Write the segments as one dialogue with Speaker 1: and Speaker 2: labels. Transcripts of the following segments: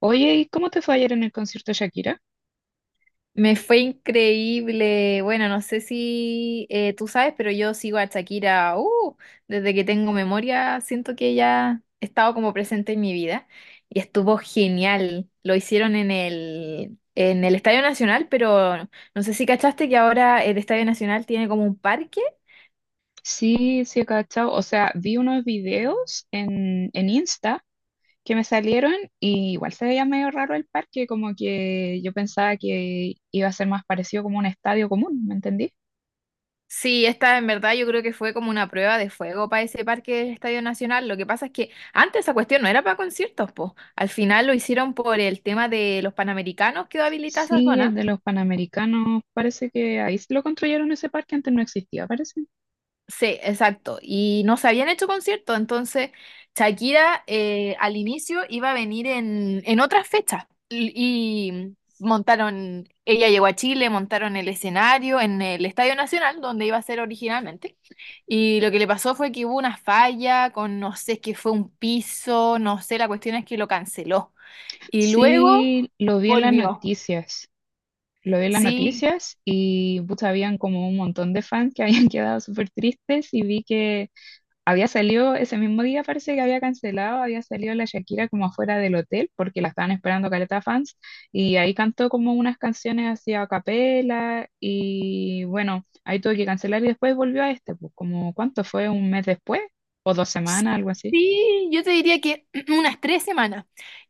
Speaker 1: Oye, ¿y cómo te fue ayer en el concierto de Shakira?
Speaker 2: Me fue increíble. Bueno, no sé si tú sabes, pero yo sigo a Shakira, desde que tengo memoria, siento que ella ha estado como presente en mi vida y estuvo genial. Lo hicieron en el Estadio Nacional, pero no sé si cachaste que ahora el Estadio Nacional tiene como un parque.
Speaker 1: Sí, sí, he cachado. O sea, vi unos videos en, Insta que me salieron y igual se veía medio raro el parque, como que yo pensaba que iba a ser más parecido como un estadio común, ¿me entendí?
Speaker 2: Sí, esta en verdad yo creo que fue como una prueba de fuego para ese parque del Estadio Nacional. Lo que pasa es que antes esa cuestión no era para conciertos, po. Al final lo hicieron por el tema de los Panamericanos, quedó habilitada esa
Speaker 1: Sí, el
Speaker 2: zona.
Speaker 1: de los Panamericanos, parece que ahí lo construyeron ese parque, antes no existía, parece.
Speaker 2: Sí, exacto. Y no se habían hecho conciertos, entonces Shakira al inicio iba a venir en otras fechas. Montaron, ella llegó a Chile, montaron el escenario en el Estadio Nacional, donde iba a ser originalmente. Y lo que le pasó fue que hubo una falla con, no sé, es que fue un piso, no sé, la cuestión es que lo canceló. Y luego
Speaker 1: Sí, lo vi en las
Speaker 2: volvió.
Speaker 1: noticias. Lo vi en las
Speaker 2: Sí,
Speaker 1: noticias y pucha, habían como un montón de fans que habían quedado súper tristes y vi que había salido ese mismo día, parece que había cancelado, había salido la Shakira como afuera del hotel porque la estaban esperando caleta fans y ahí cantó como unas canciones así a capela y bueno, ahí tuve que cancelar y después volvió a este, pues ¿como cuánto fue? ¿Un mes después? ¿O dos semanas? Algo así.
Speaker 2: sí, yo te diría que unas tres semanas.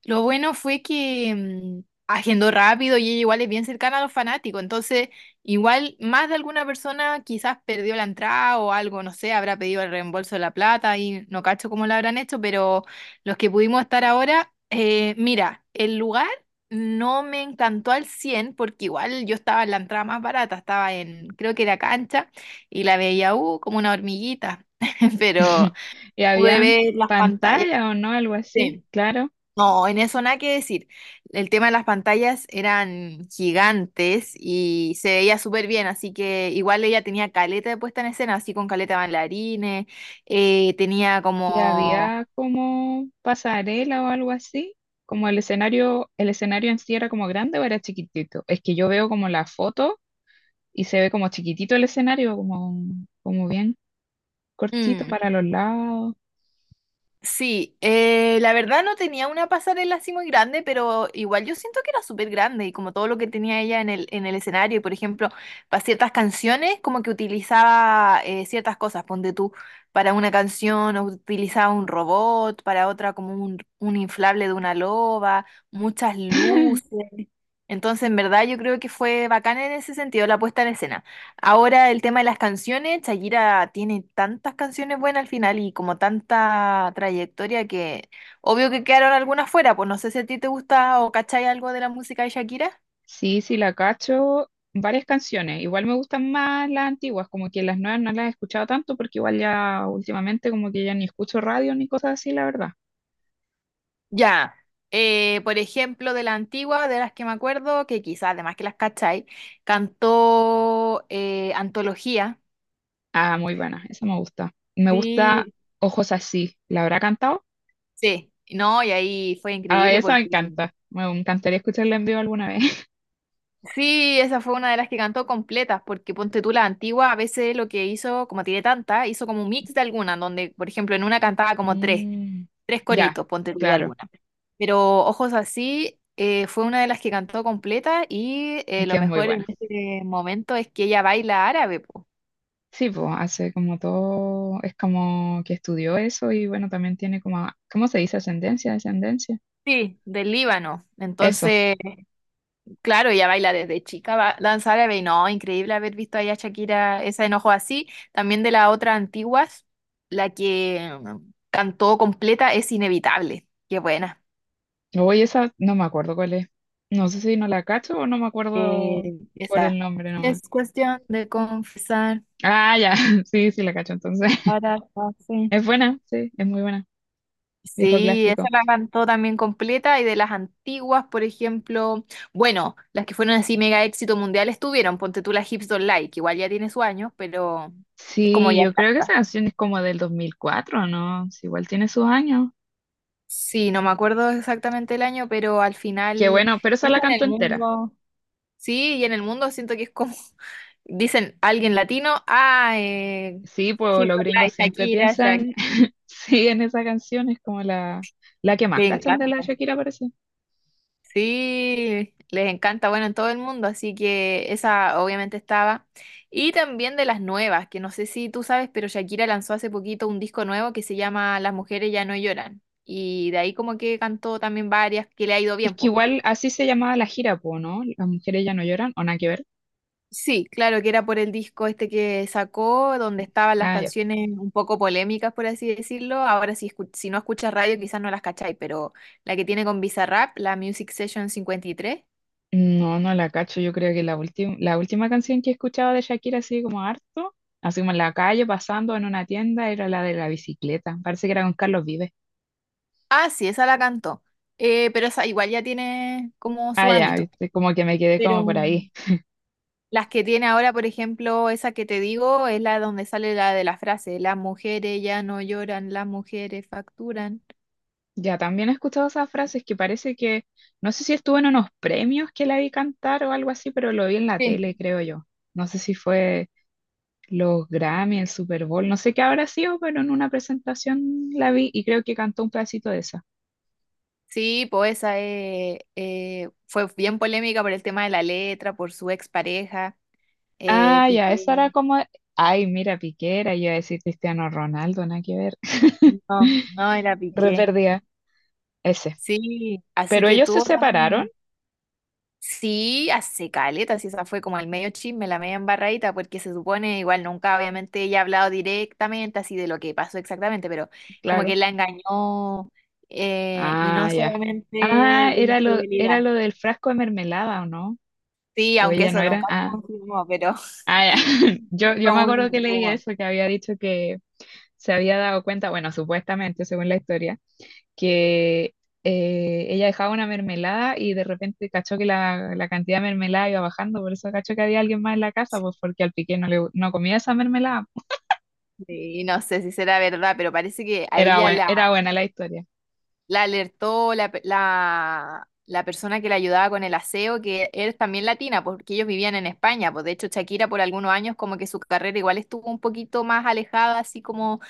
Speaker 2: Lo bueno fue que agendó rápido y ella igual es bien cercana a los fanáticos, entonces igual más de alguna persona quizás perdió la entrada o algo, no sé, habrá pedido el reembolso de la plata y no cacho cómo lo habrán hecho, pero los que pudimos estar ahora, mira, el lugar no me encantó al 100 porque igual yo estaba en la entrada más barata, estaba en, creo que era cancha y la veía, como una hormiguita, pero...
Speaker 1: Y
Speaker 2: Pude
Speaker 1: había
Speaker 2: ver las pantallas.
Speaker 1: pantalla o no, algo así,
Speaker 2: Sí.
Speaker 1: claro.
Speaker 2: No, en eso nada que decir. El tema de las pantallas eran gigantes y se veía súper bien, así que igual ella tenía caleta de puesta en escena, así con caleta de bailarines, tenía
Speaker 1: Y
Speaker 2: como...
Speaker 1: había como pasarela o algo así, como el escenario en sí era como grande o era chiquitito. Es que yo veo como la foto y se ve como chiquitito el escenario, como, como bien cortito
Speaker 2: mm,
Speaker 1: para los lados.
Speaker 2: Sí, la verdad no tenía una pasarela así muy grande, pero igual yo siento que era súper grande y como todo lo que tenía ella en el escenario, y por ejemplo, para ciertas canciones como que utilizaba ciertas cosas, ponte tú, para una canción o utilizaba un robot, para otra como un inflable de una loba, muchas luces. Entonces, en verdad yo creo que fue bacán en ese sentido la puesta en escena. Ahora el tema de las canciones, Shakira tiene tantas canciones buenas al final y como tanta trayectoria que obvio que quedaron algunas fuera, pues no sé si a ti te gusta o cachai algo de la música de Shakira.
Speaker 1: Sí, sí, la cacho. Varias canciones. Igual me gustan más las antiguas, como que las nuevas no las he escuchado tanto porque igual ya últimamente como que ya ni escucho radio ni cosas así, la verdad.
Speaker 2: Ya, por ejemplo, de la antigua, de las que me acuerdo, que quizás además que las cachai, cantó Antología.
Speaker 1: Ah, muy buena, esa me gusta. Me gusta
Speaker 2: Sí.
Speaker 1: Ojos Así. ¿La habrá cantado?
Speaker 2: Sí, no, y ahí fue
Speaker 1: Ah,
Speaker 2: increíble
Speaker 1: esa me
Speaker 2: porque
Speaker 1: encanta. Me encantaría escucharla en vivo alguna vez.
Speaker 2: sí, esa fue una de las que cantó completas, porque ponte tú la antigua, a veces lo que hizo, como tiene tanta, hizo como un mix de alguna, donde, por ejemplo, en una cantaba como tres,
Speaker 1: Mm,
Speaker 2: tres
Speaker 1: ya,
Speaker 2: coritos, ponte tú de
Speaker 1: claro,
Speaker 2: alguna. Pero Ojos Así fue una de las que cantó completa y
Speaker 1: es que
Speaker 2: lo
Speaker 1: es muy
Speaker 2: mejor en
Speaker 1: buena.
Speaker 2: este momento es que ella baila árabe, po.
Speaker 1: Sí, pues hace como todo, es como que estudió eso y bueno, también tiene como, ¿cómo se dice? Ascendencia, descendencia.
Speaker 2: Sí, del Líbano.
Speaker 1: Eso.
Speaker 2: Entonces, claro, ella baila desde chica, danza árabe, y no, increíble haber visto ahí a Shakira esa enojo así. También de las otras antiguas, la que cantó completa es inevitable. Qué buena.
Speaker 1: Oye, esa no me acuerdo cuál es. No sé si no la cacho o no me
Speaker 2: Eh,
Speaker 1: acuerdo por
Speaker 2: esa
Speaker 1: el nombre nomás.
Speaker 2: es cuestión de confesar
Speaker 1: Ah, ya, sí, sí la cacho entonces.
Speaker 2: para hacer.
Speaker 1: Es buena, sí, es muy buena. Viejo
Speaker 2: Sí, esa
Speaker 1: clásico.
Speaker 2: la cantó también completa y de las antiguas, por ejemplo, bueno, las que fueron así mega éxito mundial estuvieron, ponte tú la Hips Don't Lie, que igual ya tiene su año, pero es como
Speaker 1: Sí,
Speaker 2: ya,
Speaker 1: yo creo que esa canción es como del 2004, ¿no? Sí, igual tiene sus años.
Speaker 2: sí, no me acuerdo exactamente el año, pero al final,
Speaker 1: Qué bueno, pero esa la
Speaker 2: dijo en
Speaker 1: canto
Speaker 2: el
Speaker 1: entera.
Speaker 2: mundo, sí, y en el mundo siento que es como, dicen alguien latino, ah,
Speaker 1: Sí, pues
Speaker 2: Hit
Speaker 1: los
Speaker 2: by
Speaker 1: gringos
Speaker 2: Light,
Speaker 1: siempre
Speaker 2: Shakira, Shakira,
Speaker 1: piensan sí, en esa canción es como la, que más
Speaker 2: les
Speaker 1: cachan de la
Speaker 2: encanta,
Speaker 1: Shakira, parece.
Speaker 2: sí, les encanta, bueno, en todo el mundo, así que esa obviamente estaba. Y también de las nuevas, que no sé si tú sabes, pero Shakira lanzó hace poquito un disco nuevo que se llama Las mujeres ya no lloran, y de ahí como que cantó también varias que le ha ido
Speaker 1: Es
Speaker 2: bien,
Speaker 1: que
Speaker 2: po.
Speaker 1: igual así se llamaba la gira, po, ¿no? Las mujeres ya no lloran, o nada que ver.
Speaker 2: Sí, claro, que era por el disco este que sacó, donde estaban las
Speaker 1: Ah, ya.
Speaker 2: canciones un poco polémicas, por así decirlo. Ahora, si, si no escuchas radio, quizás no las cacháis, pero la que tiene con Bizarrap, la Music Session 53.
Speaker 1: No, no la cacho. Yo creo que la última, canción que escuchaba de Shakira, así como harto, así como en la calle, pasando en una tienda, era la de la bicicleta. Parece que era con Carlos Vives.
Speaker 2: Ah, sí, esa la cantó. Pero esa igual ya tiene como su
Speaker 1: Ah, ya,
Speaker 2: añito.
Speaker 1: viste, como que me quedé
Speaker 2: Pero
Speaker 1: como por ahí.
Speaker 2: las que tiene ahora, por ejemplo, esa que te digo, es la donde sale la de la frase, las mujeres ya no lloran, las mujeres facturan.
Speaker 1: Ya, también he escuchado esas frases que parece que, no sé si estuvo en unos premios que la vi cantar o algo así, pero lo vi en la tele,
Speaker 2: Sí.
Speaker 1: creo yo. No sé si fue los Grammy, el Super Bowl, no sé qué habrá sido, pero en una presentación la vi y creo que cantó un pedacito de esa.
Speaker 2: Sí, pues esa fue bien polémica por el tema de la letra, por su expareja,
Speaker 1: Ah, ya, esa
Speaker 2: Piqué.
Speaker 1: era como, ay, mira, Piquera, yo iba a decir Cristiano Ronaldo, nada que ver.
Speaker 2: No, no era
Speaker 1: Re
Speaker 2: Piqué.
Speaker 1: perdida, ese.
Speaker 2: Sí, así
Speaker 1: Pero
Speaker 2: que
Speaker 1: ellos se
Speaker 2: tuvo
Speaker 1: separaron,
Speaker 2: también. Sí, hace caleta, sí, esa fue como el medio chisme, la media embarradita, porque se supone, igual nunca obviamente ella ha hablado directamente así de lo que pasó exactamente, pero como
Speaker 1: claro.
Speaker 2: que la engañó y no
Speaker 1: Ah, ya.
Speaker 2: solamente
Speaker 1: Ah,
Speaker 2: de
Speaker 1: era
Speaker 2: infidelidad.
Speaker 1: lo del frasco de mermelada, ¿o no?
Speaker 2: Sí,
Speaker 1: O
Speaker 2: aunque
Speaker 1: ella
Speaker 2: eso
Speaker 1: no era.
Speaker 2: nunca se
Speaker 1: Ah,
Speaker 2: confirmó, pero
Speaker 1: ah, ya.
Speaker 2: es
Speaker 1: Yo me
Speaker 2: como un
Speaker 1: acuerdo que leí
Speaker 2: rumor.
Speaker 1: eso, que había dicho que se había dado cuenta, bueno, supuestamente, según la historia que ella dejaba una mermelada y de repente cachó que la, cantidad de mermelada iba bajando, por eso cachó que había alguien más en la casa, pues porque al piqué no, le, no comía esa mermelada.
Speaker 2: Sí, no sé si será verdad, pero parece que a ella
Speaker 1: Era buena la historia
Speaker 2: la alertó la persona que la ayudaba con el aseo, que es también latina, porque ellos vivían en España. Pues de hecho, Shakira por algunos años como que su carrera igual estuvo un poquito más alejada, así como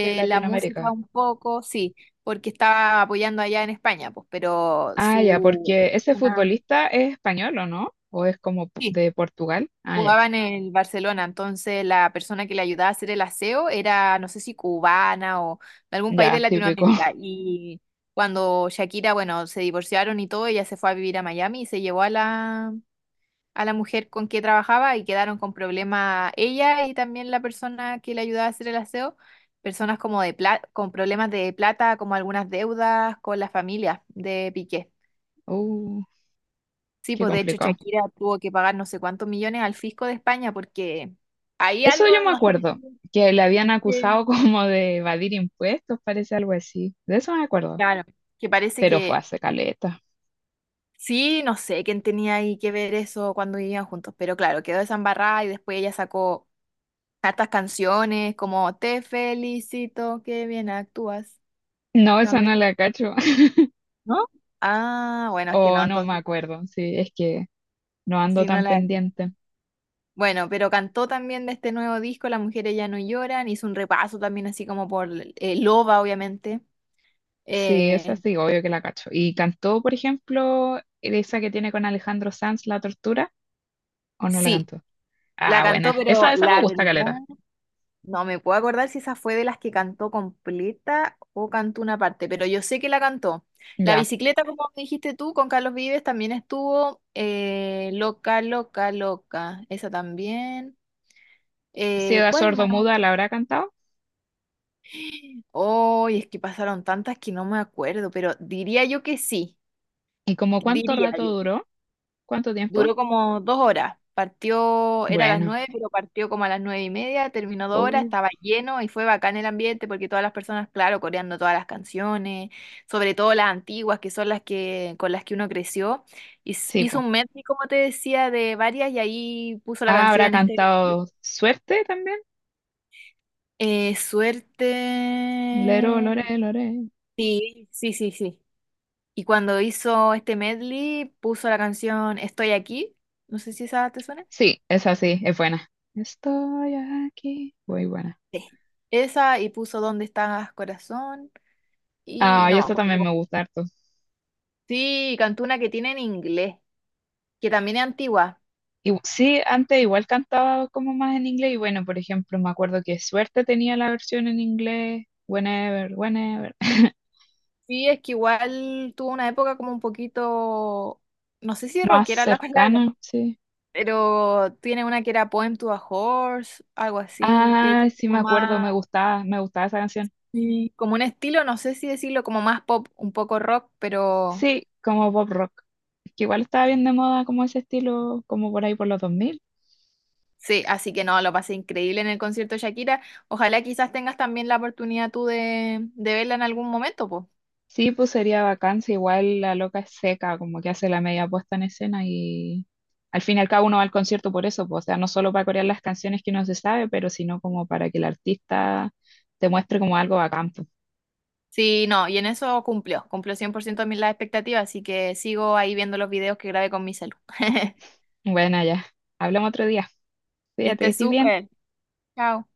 Speaker 1: de
Speaker 2: la música
Speaker 1: Latinoamérica.
Speaker 2: un poco, sí, porque estaba apoyando allá en España, pues, pero
Speaker 1: Ah, ya,
Speaker 2: su...
Speaker 1: porque ese
Speaker 2: Ah,
Speaker 1: futbolista es español, ¿o no? ¿O es como
Speaker 2: sí,
Speaker 1: de Portugal? Ah, ya,
Speaker 2: jugaba en el Barcelona, entonces la persona que le ayudaba a hacer el aseo era, no sé si cubana o de algún país de
Speaker 1: ya, típico.
Speaker 2: Latinoamérica. Y cuando Shakira, bueno, se divorciaron y todo, ella se fue a vivir a Miami y se llevó a a la mujer con que trabajaba y quedaron con problemas ella y también la persona que le ayudaba a hacer el aseo, personas como de con problemas de plata, como algunas deudas con la familia de Piqué.
Speaker 1: Uh,
Speaker 2: Sí,
Speaker 1: qué
Speaker 2: pues de hecho
Speaker 1: complicado.
Speaker 2: Shakira tuvo que pagar no sé cuántos millones al fisco de España porque hay
Speaker 1: Eso yo
Speaker 2: algo,
Speaker 1: me
Speaker 2: no sé,
Speaker 1: acuerdo, que le habían
Speaker 2: es
Speaker 1: acusado como de evadir impuestos, parece algo así. De eso me acuerdo,
Speaker 2: claro, que parece
Speaker 1: pero fue
Speaker 2: que
Speaker 1: hace caleta.
Speaker 2: sí, no sé quién tenía ahí que ver eso cuando vivían juntos, pero claro, quedó desambarrada y después ella sacó hartas canciones como Te felicito, qué bien actúas
Speaker 1: No, esa
Speaker 2: también,
Speaker 1: no la cacho.
Speaker 2: ¿no? Ah, bueno, es que
Speaker 1: O
Speaker 2: no,
Speaker 1: no me
Speaker 2: entonces
Speaker 1: acuerdo. Sí, es que no ando
Speaker 2: si no
Speaker 1: tan
Speaker 2: la...
Speaker 1: pendiente.
Speaker 2: Bueno, pero cantó también de este nuevo disco, Las mujeres ya no lloran, hizo un repaso también así como por Loba, obviamente.
Speaker 1: Sí, esa
Speaker 2: Eh,
Speaker 1: sí, obvio que la cacho. ¿Y cantó, por ejemplo, esa que tiene con Alejandro Sanz, La Tortura? ¿O no la
Speaker 2: sí,
Speaker 1: cantó?
Speaker 2: la
Speaker 1: Ah,
Speaker 2: cantó,
Speaker 1: buena.
Speaker 2: pero
Speaker 1: Esa me
Speaker 2: la
Speaker 1: gusta,
Speaker 2: verdad
Speaker 1: caleta.
Speaker 2: no me puedo acordar si esa fue de las que cantó completa o cantó una parte, pero yo sé que la cantó. La
Speaker 1: Ya.
Speaker 2: bicicleta, como dijiste tú, con Carlos Vives también estuvo loca, loca, loca. Esa también.
Speaker 1: Ciega
Speaker 2: ¿Cuál más?
Speaker 1: sordomuda la habrá cantado.
Speaker 2: Hoy es que pasaron tantas que no me acuerdo, pero diría yo que sí.
Speaker 1: ¿Y como cuánto
Speaker 2: Diría
Speaker 1: rato
Speaker 2: yo.
Speaker 1: duró? ¿Cuánto
Speaker 2: Duró
Speaker 1: tiempo?
Speaker 2: como dos horas. Partió, era a las
Speaker 1: Bueno.
Speaker 2: nueve, pero partió como a las nueve y media, terminó dos horas,
Speaker 1: Uh,
Speaker 2: estaba lleno y fue bacán el ambiente porque todas las personas, claro, coreando todas las canciones, sobre todo las antiguas, que son las que, con las que uno creció.
Speaker 1: sí,
Speaker 2: Hizo
Speaker 1: pues.
Speaker 2: un medley, como te decía, de varias y ahí puso la
Speaker 1: Ah, habrá
Speaker 2: canción este
Speaker 1: cantado Suerte también. Lero,
Speaker 2: suerte.
Speaker 1: lore, lore.
Speaker 2: Sí, sí, sí, sí. Y cuando hizo este medley, puso la canción Estoy aquí. No sé si esa te suena.
Speaker 1: Sí, esa sí, es buena. Estoy aquí. Muy buena.
Speaker 2: Sí. Esa y puso ¿Dónde estás, corazón? Y
Speaker 1: Ah, y
Speaker 2: no,
Speaker 1: esto también me gusta harto.
Speaker 2: sí, cantó una que tiene en inglés, que también es antigua.
Speaker 1: Y, sí, antes igual cantaba como más en inglés y bueno, por ejemplo, me acuerdo que Suerte tenía la versión en inglés, Whenever, Whenever,
Speaker 2: Sí, es que igual tuvo una época como un poquito, no sé si
Speaker 1: más
Speaker 2: rockera la palabra,
Speaker 1: cercana, sí.
Speaker 2: pero tiene una que era Poem to a Horse, algo así, que
Speaker 1: Ah,
Speaker 2: es
Speaker 1: sí, me
Speaker 2: como
Speaker 1: acuerdo,
Speaker 2: más,
Speaker 1: me gustaba esa canción.
Speaker 2: sí, como un estilo, no sé si decirlo, como más pop, un poco rock, pero
Speaker 1: Sí, como pop rock, que igual estaba bien de moda como ese estilo, como por ahí por los 2000.
Speaker 2: sí, así que no, lo pasé increíble en el concierto de Shakira. Ojalá quizás tengas también la oportunidad tú de verla en algún momento, pues.
Speaker 1: Sí, pues sería vacancia, igual la loca es seca, como que hace la media puesta en escena y al fin y al cabo uno va al concierto por eso, pues, o sea, no solo para corear las canciones que uno se sabe, pero sino como para que el artista te muestre como algo bacán. Pues.
Speaker 2: Sí, no, y en eso cumplió, cumplió 100% de las expectativas, así que sigo ahí viendo los videos que grabé con mi celu.
Speaker 1: Bueno, ya, hablamos otro día.
Speaker 2: Que
Speaker 1: Fíjate que
Speaker 2: estés
Speaker 1: estés bien.
Speaker 2: súper. Chao.